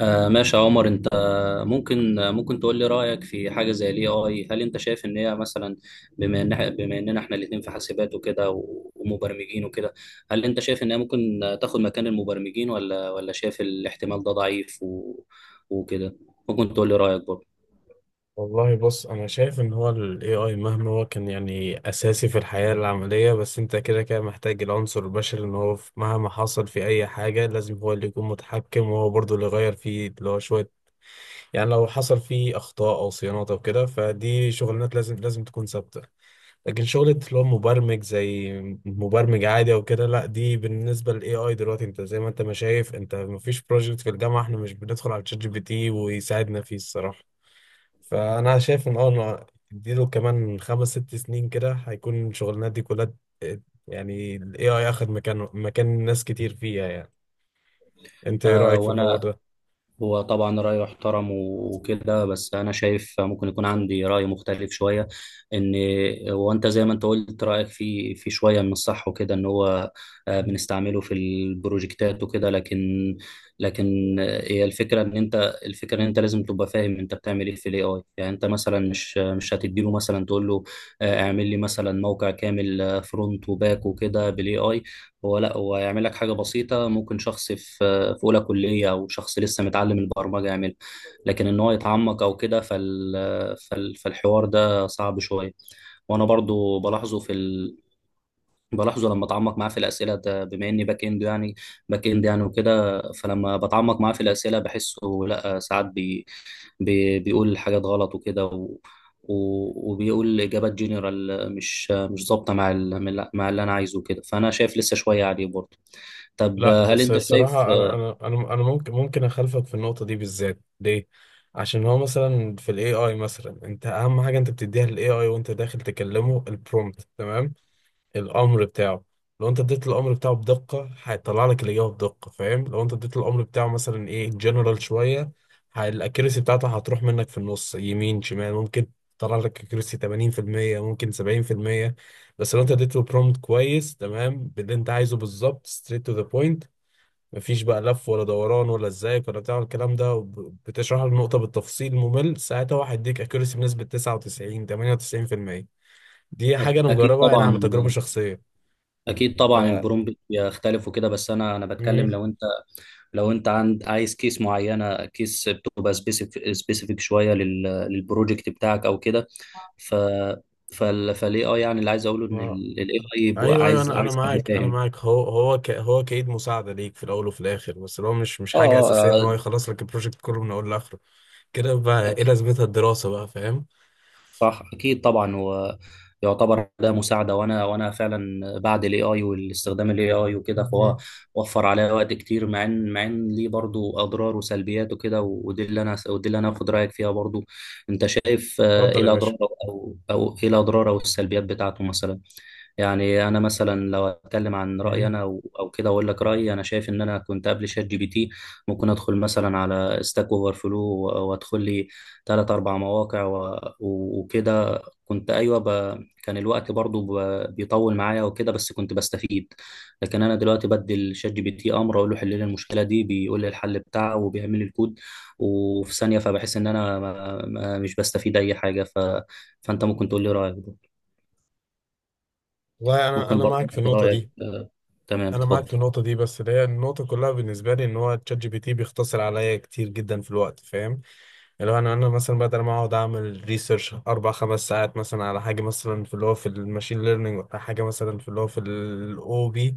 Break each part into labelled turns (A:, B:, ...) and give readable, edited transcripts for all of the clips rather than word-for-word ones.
A: آه، ماشي يا عمر. انت ممكن تقول لي رأيك في حاجة زي الاي اي. هل انت شايف ان هي مثلا، بما ان بما اننا احنا الاتنين في حاسبات وكده ومبرمجين وكده، هل انت شايف ان هي ممكن تاخد مكان المبرمجين، ولا شايف الاحتمال ده ضعيف وكده؟ ممكن تقول لي رأيك برضه.
B: والله بص انا شايف ان هو ال AI مهما هو كان يعني اساسي في الحياة العملية، بس انت كده كده محتاج العنصر البشري. ان هو مهما حصل في اي حاجة، لازم هو اللي يكون متحكم وهو برضه اللي يغير فيه اللي هو شوية. يعني لو حصل فيه اخطاء او صيانات او كده، فدي شغلانات لازم تكون ثابتة. لكن شغلة اللي هو مبرمج زي مبرمج عادي او كده، لا، دي بالنسبة لل AI دلوقتي، انت زي ما انت ما شايف، انت مفيش بروجكت في الجامعة احنا مش بندخل على ChatGPT ويساعدنا فيه الصراحة. فانا شايف ان إنه اديله كمان خمس ست سنين كده، هيكون الشغلانات دي كلها ت- يعني الاي اي اخد مكان ناس كتير فيها يعني. انت ايه
A: آه،
B: رايك في الحوار
A: وانا،
B: ده؟
A: هو طبعا رأيه يحترم وكده، بس أنا شايف ممكن يكون عندي رأي مختلف شوية. إن هو، أنت زي ما أنت قلت رأيك في شوية من الصح وكده، إن هو
B: مم.
A: بنستعمله في البروجكتات وكده، لكن. لكن هي الفكرة إن أنت لازم تبقى فاهم أنت بتعمل إيه في ال AI. يعني أنت مثلا مش هتديله مثلا تقول له اعمل لي مثلا موقع كامل فرونت وباك وكده بال AI. هو لا، هو هيعمل لك حاجة بسيطة ممكن شخص في اولى كليه او شخص لسه متعلم البرمجه يعمل. لكن ان هو يتعمق او كده، فالحوار ده صعب شويه. وانا برضو بلاحظه بلاحظه لما اتعمق معاه في الاسئله، ده بما اني باك اند يعني، وكده. فلما بتعمق معاه في الاسئله بحسه، لا ساعات بيقول حاجات غلط وكده وبيقول اجابات جنرال مش ظابطه مع مع اللي انا عايزه كده. فانا شايف لسه شويه عليه برضه. طب
B: لا،
A: هل
B: بس
A: انت شايف؟
B: الصراحة أنا ممكن أخالفك في النقطة دي بالذات، ليه؟ عشان هو مثلا في ال AI، مثلا أنت أهم حاجة أنت بتديها لل AI وأنت داخل تكلمه البرومبت، تمام؟ الامر بتاعه. لو انت اديت الامر بتاعه بدقه، هيطلع لك الاجابه بدقه، فاهم؟ لو انت اديت الامر بتاعه مثلا ايه جنرال شويه، الاكيرسي بتاعته هتروح منك في النص يمين شمال، ممكن تطلع لك اكيرسي 80%، ممكن 70%. بس لو انت اديته برومبت كويس تمام باللي انت عايزه بالظبط، ستريت تو ذا بوينت، مفيش بقى لف ولا دوران ولا ازيك ولا بتاع الكلام ده، بتشرح له النقطه بالتفصيل ممل، ساعتها هو هيديك اكيرسي بنسبه 99 98%. دي حاجه انا
A: اكيد
B: مجربها انا
A: طبعا،
B: عن تجربه شخصيه.
A: اكيد
B: ف
A: طبعا. البرومبت بيختلف وكده، بس انا بتكلم
B: مم.
A: لو انت، لو انت عايز كيس معينه، كيس بتبقى سبيسيفيك شويه للبروجكت بتاعك او كده. ف فال فالاي اي، يعني اللي عايز اقوله ان
B: آه.
A: الاي اي بيبقى
B: ايوه ايوه،
A: عايز،
B: انا
A: حد
B: معاك، انا
A: فاهم.
B: معاك. هو كايد مساعده ليك في الاول وفي الاخر، بس اللي هو مش
A: اه،
B: حاجه اساسيه ان هو
A: آه،
B: يخلص لك البروجكت كله من اول لاخره. كده بقى
A: آه،
B: ايه لازمتها الدراسه بقى، فاهم؟
A: صح اكيد طبعا. ويعتبر ده مساعده، وانا فعلا بعد الاي اي والاستخدام الاي اي وكده، فهو
B: مم.
A: وفر عليا وقت كتير، مع ان، ليه برضو اضرار وسلبيات وكده، ودي اللي انا اخد رايك فيها برضو. انت شايف ايه
B: اتفضل يا باشا.
A: الاضرار، او او ايه الاضرار او السلبيات بتاعته مثلا؟ يعني انا مثلا لو اتكلم عن رايي
B: مم.
A: انا، او كده، اقول لك رايي. انا شايف ان انا كنت قبل شات جي بي تي ممكن ادخل مثلا على ستاك اوفر فلو، وادخل لي تلات أربع مواقع وكده. كنت أيوة كان الوقت برضو بيطول معايا وكده، بس كنت بستفيد. لكن أنا دلوقتي بدي شات جي بي تي أمر، أقول له حل لي المشكلة دي، بيقول لي الحل بتاعه وبيعمل لي الكود وفي ثانية. فبحس إن أنا ما... ما مش بستفيد أي حاجة. فأنت ممكن تقول لي رأيك ده.
B: والله انا
A: ممكن
B: انا
A: برضو
B: معاك في
A: أخد
B: النقطه
A: رأيك
B: دي،
A: تمام،
B: انا معاك في
A: اتفضل.
B: النقطه دي، بس اللي هي النقطه كلها بالنسبه لي ان هو تشات جي بي تي بيختصر عليا كتير جدا في الوقت، فاهم؟ لو انا مثلا بدل ما اقعد اعمل ريسيرش اربع خمس ساعات مثلا على حاجه مثلا في اللي هو في الماشين ليرنينج، ولا حاجه مثلا في اللي هو في الاو بي،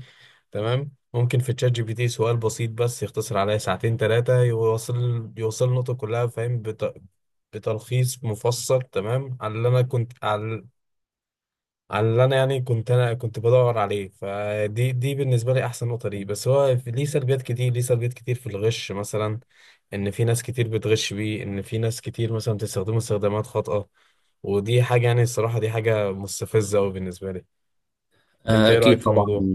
B: تمام، ممكن في تشات جي بي تي سؤال بسيط بس يختصر عليا ساعتين ثلاثه، يوصل النقطه كلها، فاهم؟ بتلخيص مفصل تمام على اللي انا كنت، على اللي انا يعني كنت بدور عليه. فدي بالنسبه لي احسن نقطه ليه، بس هو ليه سلبيات كتير في الغش مثلا، ان في ناس كتير بتغش بيه، ان في ناس كتير مثلا بتستخدمه استخدامات خاطئه. ودي حاجه يعني الصراحه دي حاجه مستفزه قوي بالنسبه لي. انت ايه رايك
A: أكيد
B: في
A: طبعا،
B: الموضوع؟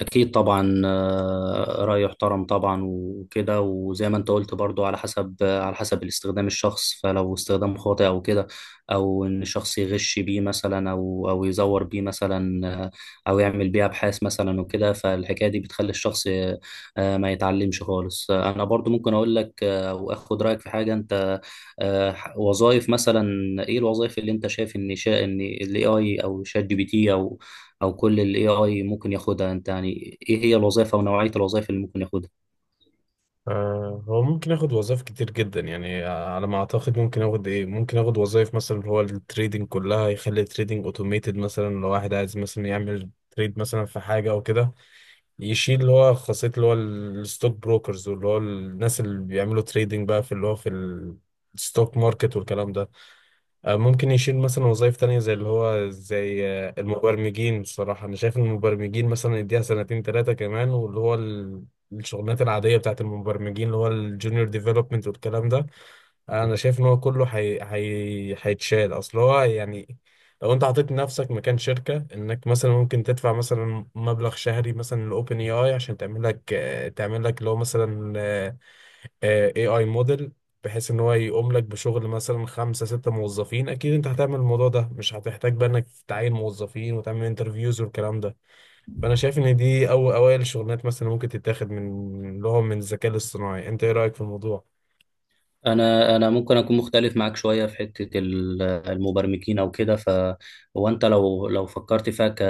A: أكيد طبعا، رأي يحترم طبعا وكده، وزي ما أنت قلت برضو على حسب، الاستخدام الشخص، فلو استخدام خاطئ أو كده، أو إن الشخص يغش بيه مثلا، أو يزور بيه مثلا، أو يعمل بيه أبحاث مثلا وكده، فالحكاية دي بتخلي الشخص ما يتعلمش خالص. أنا برضو ممكن أقول لك أو أخد رأيك في حاجة أنت. وظائف مثلا. إيه الوظائف اللي أنت شايف إن شا إن ال AI أو شات جي بي تي أو او كل الاي اي ممكن ياخدها؟ انت يعني ايه هي الوظائف او نوعية الوظائف اللي ممكن ياخدها؟
B: هو ممكن اخد وظائف كتير جدا يعني، على ما اعتقد ممكن اخد ممكن اخد وظائف مثلا اللي هو التريدنج كلها. يخلي التريدنج اوتوميتد مثلا، لو واحد عايز مثلا يعمل تريد مثلا في حاجه او كده. يشيل اللي هو خاصيه اللي هو الستوك بروكرز، واللي هو الناس اللي بيعملوا تريدنج بقى في اللي هو في الستوك ماركت والكلام ده. ممكن يشيل مثلا وظائف تانية زي اللي هو زي المبرمجين. بصراحة أنا شايف إن المبرمجين مثلا يديها سنتين تلاتة كمان، واللي هو الشغلانات العادية بتاعت المبرمجين اللي هو الجونيور ديفلوبمنت والكلام ده. أنا شايف إن هو كله هيتشال، أصل هو يعني لو أنت حطيت نفسك مكان شركة إنك مثلا ممكن تدفع مثلا مبلغ شهري مثلا لأوبن اي آي عشان تعمل لك اللي هو مثلا اي اي موديل، بحيث ان هو يقوم لك بشغل مثلا خمسة ستة موظفين. اكيد انت هتعمل الموضوع ده، مش هتحتاج بقى انك تعين موظفين وتعمل انترفيوز والكلام ده. فانا شايف ان دي او اوائل الشغلانات مثلا ممكن تتاخد من لهم من الذكاء الاصطناعي. انت ايه رأيك في الموضوع؟
A: انا ممكن اكون مختلف معاك شويه في حته المبرمجين او كده. هو انت لو فكرت فيها ك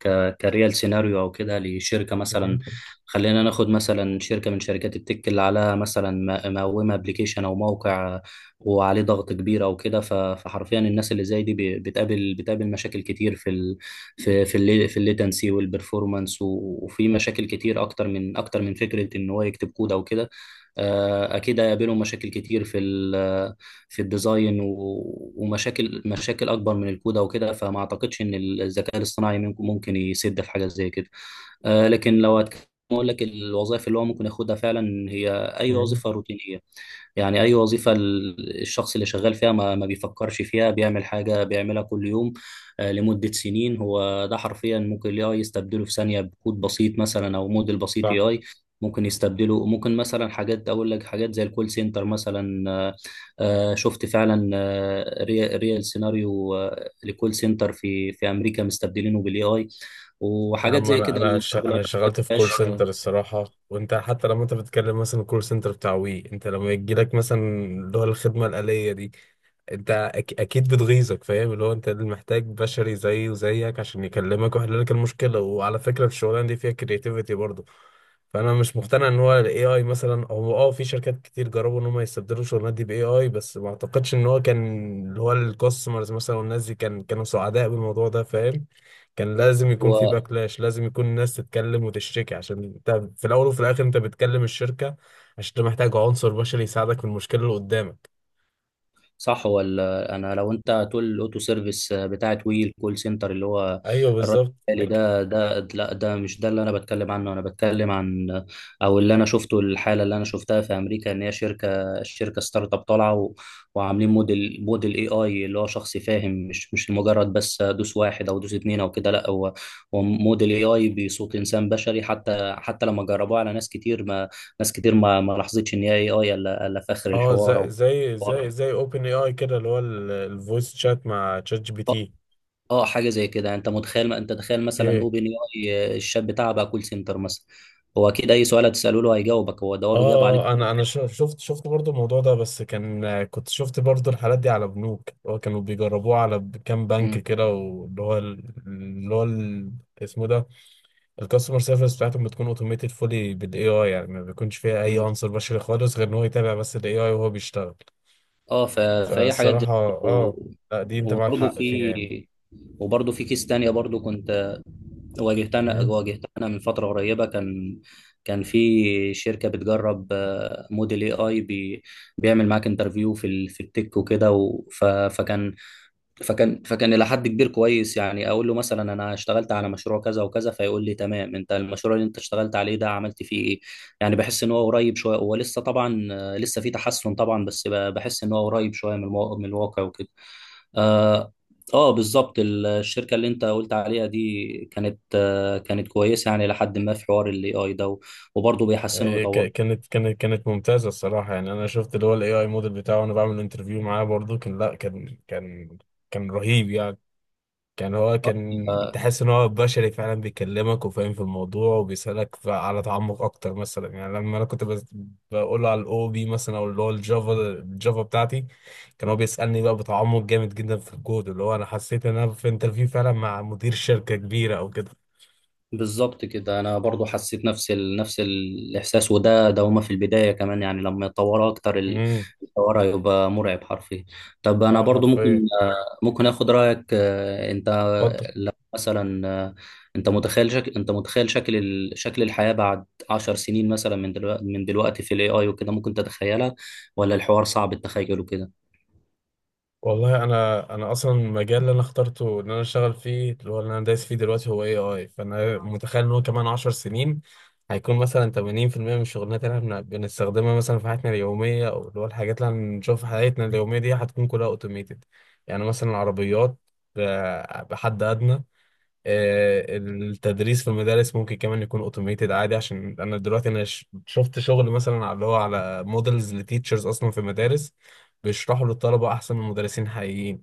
A: ك كريال سيناريو او كده لشركه مثلا،
B: مم.
A: خلينا ناخد مثلا شركه من شركات التك اللي عليها مثلا مقومه ابلكيشن او موقع وعليه ضغط كبير او كده. فحرفيا الناس اللي زي دي بتقابل مشاكل كتير في ال في في اللي في الليتنسي والبرفورمانس، وفي مشاكل كتير اكتر من فكره ان هو يكتب كود او كده. اكيد هيقابلهم مشاكل كتير في الديزاين ومشاكل، اكبر من الكود او كده. فما اعتقدش ان الذكاء الاصطناعي ممكن يسد في حاجه زي كده. لكن لو هتكلم اقول لك الوظائف اللي هو ممكن ياخدها فعلا، هي اي
B: مم.
A: وظيفه روتينيه. يعني أي وظيفة الشخص اللي شغال فيها ما بيفكرش فيها، بيعمل حاجة بيعملها كل يوم لمدة سنين، هو ده حرفيا ممكن ال AI يستبدله في ثانية بكود بسيط مثلا أو موديل بسيط
B: صح.
A: AI. ممكن يستبدله ممكن، مثلا حاجات، أقول لك حاجات زي الكول سنتر مثلا. شفت فعلا ريال سيناريو لكول سنتر في أمريكا مستبدلينه بال AI
B: يا
A: وحاجات
B: عم
A: زي
B: انا
A: كده.
B: انا ش...
A: الشغلانة
B: انا
A: ما
B: شغلت في
A: فيهاش
B: كول سنتر الصراحه. وانت حتى لما انت بتتكلم مثلا الكول سنتر بتاع وي، انت لما يجي لك مثلا اللي هو الخدمه الاليه دي، انت اكيد بتغيظك، فاهم؟ اللي هو انت اللي محتاج بشري زيه وزيك عشان يكلمك ويحل لك المشكله. وعلى فكره الشغلانه دي فيها كرياتيفيتي برضه. فانا مش مقتنع ان هو الاي اي مثلا. هو في شركات كتير جربوا ان هم يستبدلوا الشغلانات دي باي اي، بس ما اعتقدش ان هو كان اللي هو الكاستمرز مثلا والناس دي كانوا سعداء بالموضوع ده، فاهم؟ كان لازم يكون في
A: هو.
B: باكلاش، لازم يكون الناس تتكلم وتشتكي، عشان انت في الاول وفي الاخر انت بتكلم الشركه عشان انت محتاج عنصر بشري يساعدك في المشكله اللي قدامك.
A: صح ولا؟ انا لو انت هتقول الاوتو سيرفيس بتاعت وي، الكول سنتر اللي هو
B: ايوه
A: الرد
B: بالظبط.
A: الآلي
B: أك-
A: ده، لا ده مش ده اللي انا بتكلم عنه. انا بتكلم عن، او اللي انا شفته، الحاله اللي انا شفتها في امريكا، ان هي الشركه ستارت اب طالعه وعاملين موديل، اي اي، اللي هو شخص فاهم، مش مجرد بس دوس واحد او دوس اتنين او كده. لا هو، موديل اي اي بصوت انسان بشري. حتى لما جربوه على ناس كتير ما لاحظتش ان هي اي اي، إلا في اخر
B: اه
A: الحوار.
B: زي
A: او
B: زي زي زي اوبن اي اي كده اللي هو الفويس شات مع تشات جي بي تي.
A: اه، حاجه زي كده. يعني انت تخيل مثلا
B: اوكي.
A: اوبن اي، الشات بتاعه بقى كول سنتر مثلا، هو اكيد اي سؤال هتساله له هيجاوبك. هو
B: اه.
A: بيجاوب عليك.
B: انا شفت برضو الموضوع ده، بس كنت شفت برضو الحالات دي على بنوك اللي هو كانوا بيجربوه على كام بنك
A: مم.
B: كده، واللي هو اسمه ده الكاستمر سيرفيس بتاعتهم بتكون اوتوميتد فولي بالاي اي، يعني ما بيكونش فيها اي
A: مم.
B: عنصر بشري خالص، غير ان هو يتابع بس الاي اي وهو بيشتغل.
A: اه، فهي حاجات زي
B: فالصراحه
A: كده
B: لا، دي انت معاك
A: وبرضه
B: حق فيها
A: في،
B: يعني.
A: كيس تانية برضه كنت
B: مم.
A: واجهتها أنا من فترة قريبة. كان، في شركة بتجرب موديل اي اي بيعمل معاك انترفيو في التك وكده فكان، الى حد كبير كويس. يعني اقول له مثلا انا اشتغلت على مشروع كذا وكذا، فيقول لي تمام، انت المشروع اللي انت اشتغلت عليه ده عملت فيه ايه. يعني بحس ان هو قريب شويه. هو لسه طبعا، لسه في تحسن طبعا، بس بحس ان هو قريب شويه من الواقع وكده. اه، آه بالظبط. الشركه اللي انت قلت عليها دي كانت، كانت كويسه يعني لحد ما في حوار الاي اي ده، وبرضه بيحسنوا
B: إيه،
A: ويطوروا.
B: كانت ممتازه الصراحه يعني. انا شفت اللي هو الاي اي موديل بتاعه وانا بعمل انترفيو معاه برضه، كان لا كان رهيب يعني. كان هو كان
A: آه،
B: تحس ان هو بشري فعلا بيكلمك وفاهم في الموضوع، وبيسألك على تعمق اكتر مثلا. يعني لما انا كنت بقول على الاو بي مثلا، او اللي هو الجافا بتاعتي، كان هو بيسألني بقى بتعمق جامد جدا في الكود، اللي هو انا حسيت ان انا في انترفيو فعلا مع مدير شركة كبيرة او كده.
A: بالظبط كده، انا برضو حسيت نفس نفس الاحساس. وده ده هما في البدايه كمان، يعني لما يتطوروا اكتر
B: امم.
A: الحوار هيبقى مرعب حرفيا. طب انا
B: اه
A: برضو ممكن
B: حرفيا.
A: آه، اخد رايك انت،
B: اتفضل.
A: لو مثلا انت متخيل شكل شكل الحياه بعد 10 سنين مثلا من دلوقتي، في الاي اي وكده، ممكن تتخيلها ولا الحوار صعب التخيل وكده؟
B: والله انا اصلا المجال اللي انا اخترته ان انا اشتغل فيه اللي هو اللي انا دايس فيه دلوقتي هو اي اي، فانا متخيل ان هو كمان 10 سنين هيكون مثلا 80% من الشغلانات اللي احنا بنستخدمها مثلا في حياتنا اليوميه، او اللي هو الحاجات اللي هنشوفها في حياتنا اليوميه دي هتكون كلها اوتوميتد. يعني مثلا العربيات، بحد ادنى. التدريس في المدارس ممكن كمان يكون اوتوميتد عادي، عشان انا دلوقتي انا شفت شغل مثلا اللي هو على مودلز لتيتشرز اصلا في المدارس بيشرحوا للطلبه احسن من مدرسين حقيقيين.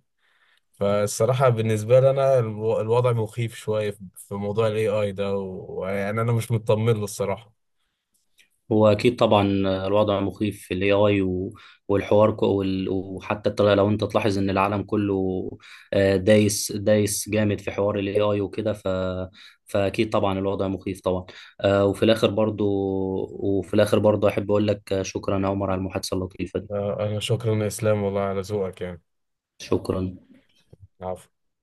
B: فالصراحه بالنسبه لي انا الوضع مخيف شويه في موضوع الاي اي ده، ويعني انا مش مطمن له الصراحه.
A: هو اكيد طبعا الوضع مخيف في الاي اي، وحتى الطريقه لو انت تلاحظ ان العالم كله دايس، جامد في حوار الاي اي وكده. فاكيد طبعا الوضع مخيف طبعا. وفي الاخر برضو، احب اقول لك شكرا يا عمر على المحادثه اللطيفه دي.
B: انا شكرا يا اسلام والله على ذوقك يعني.
A: شكرا.
B: عفوا.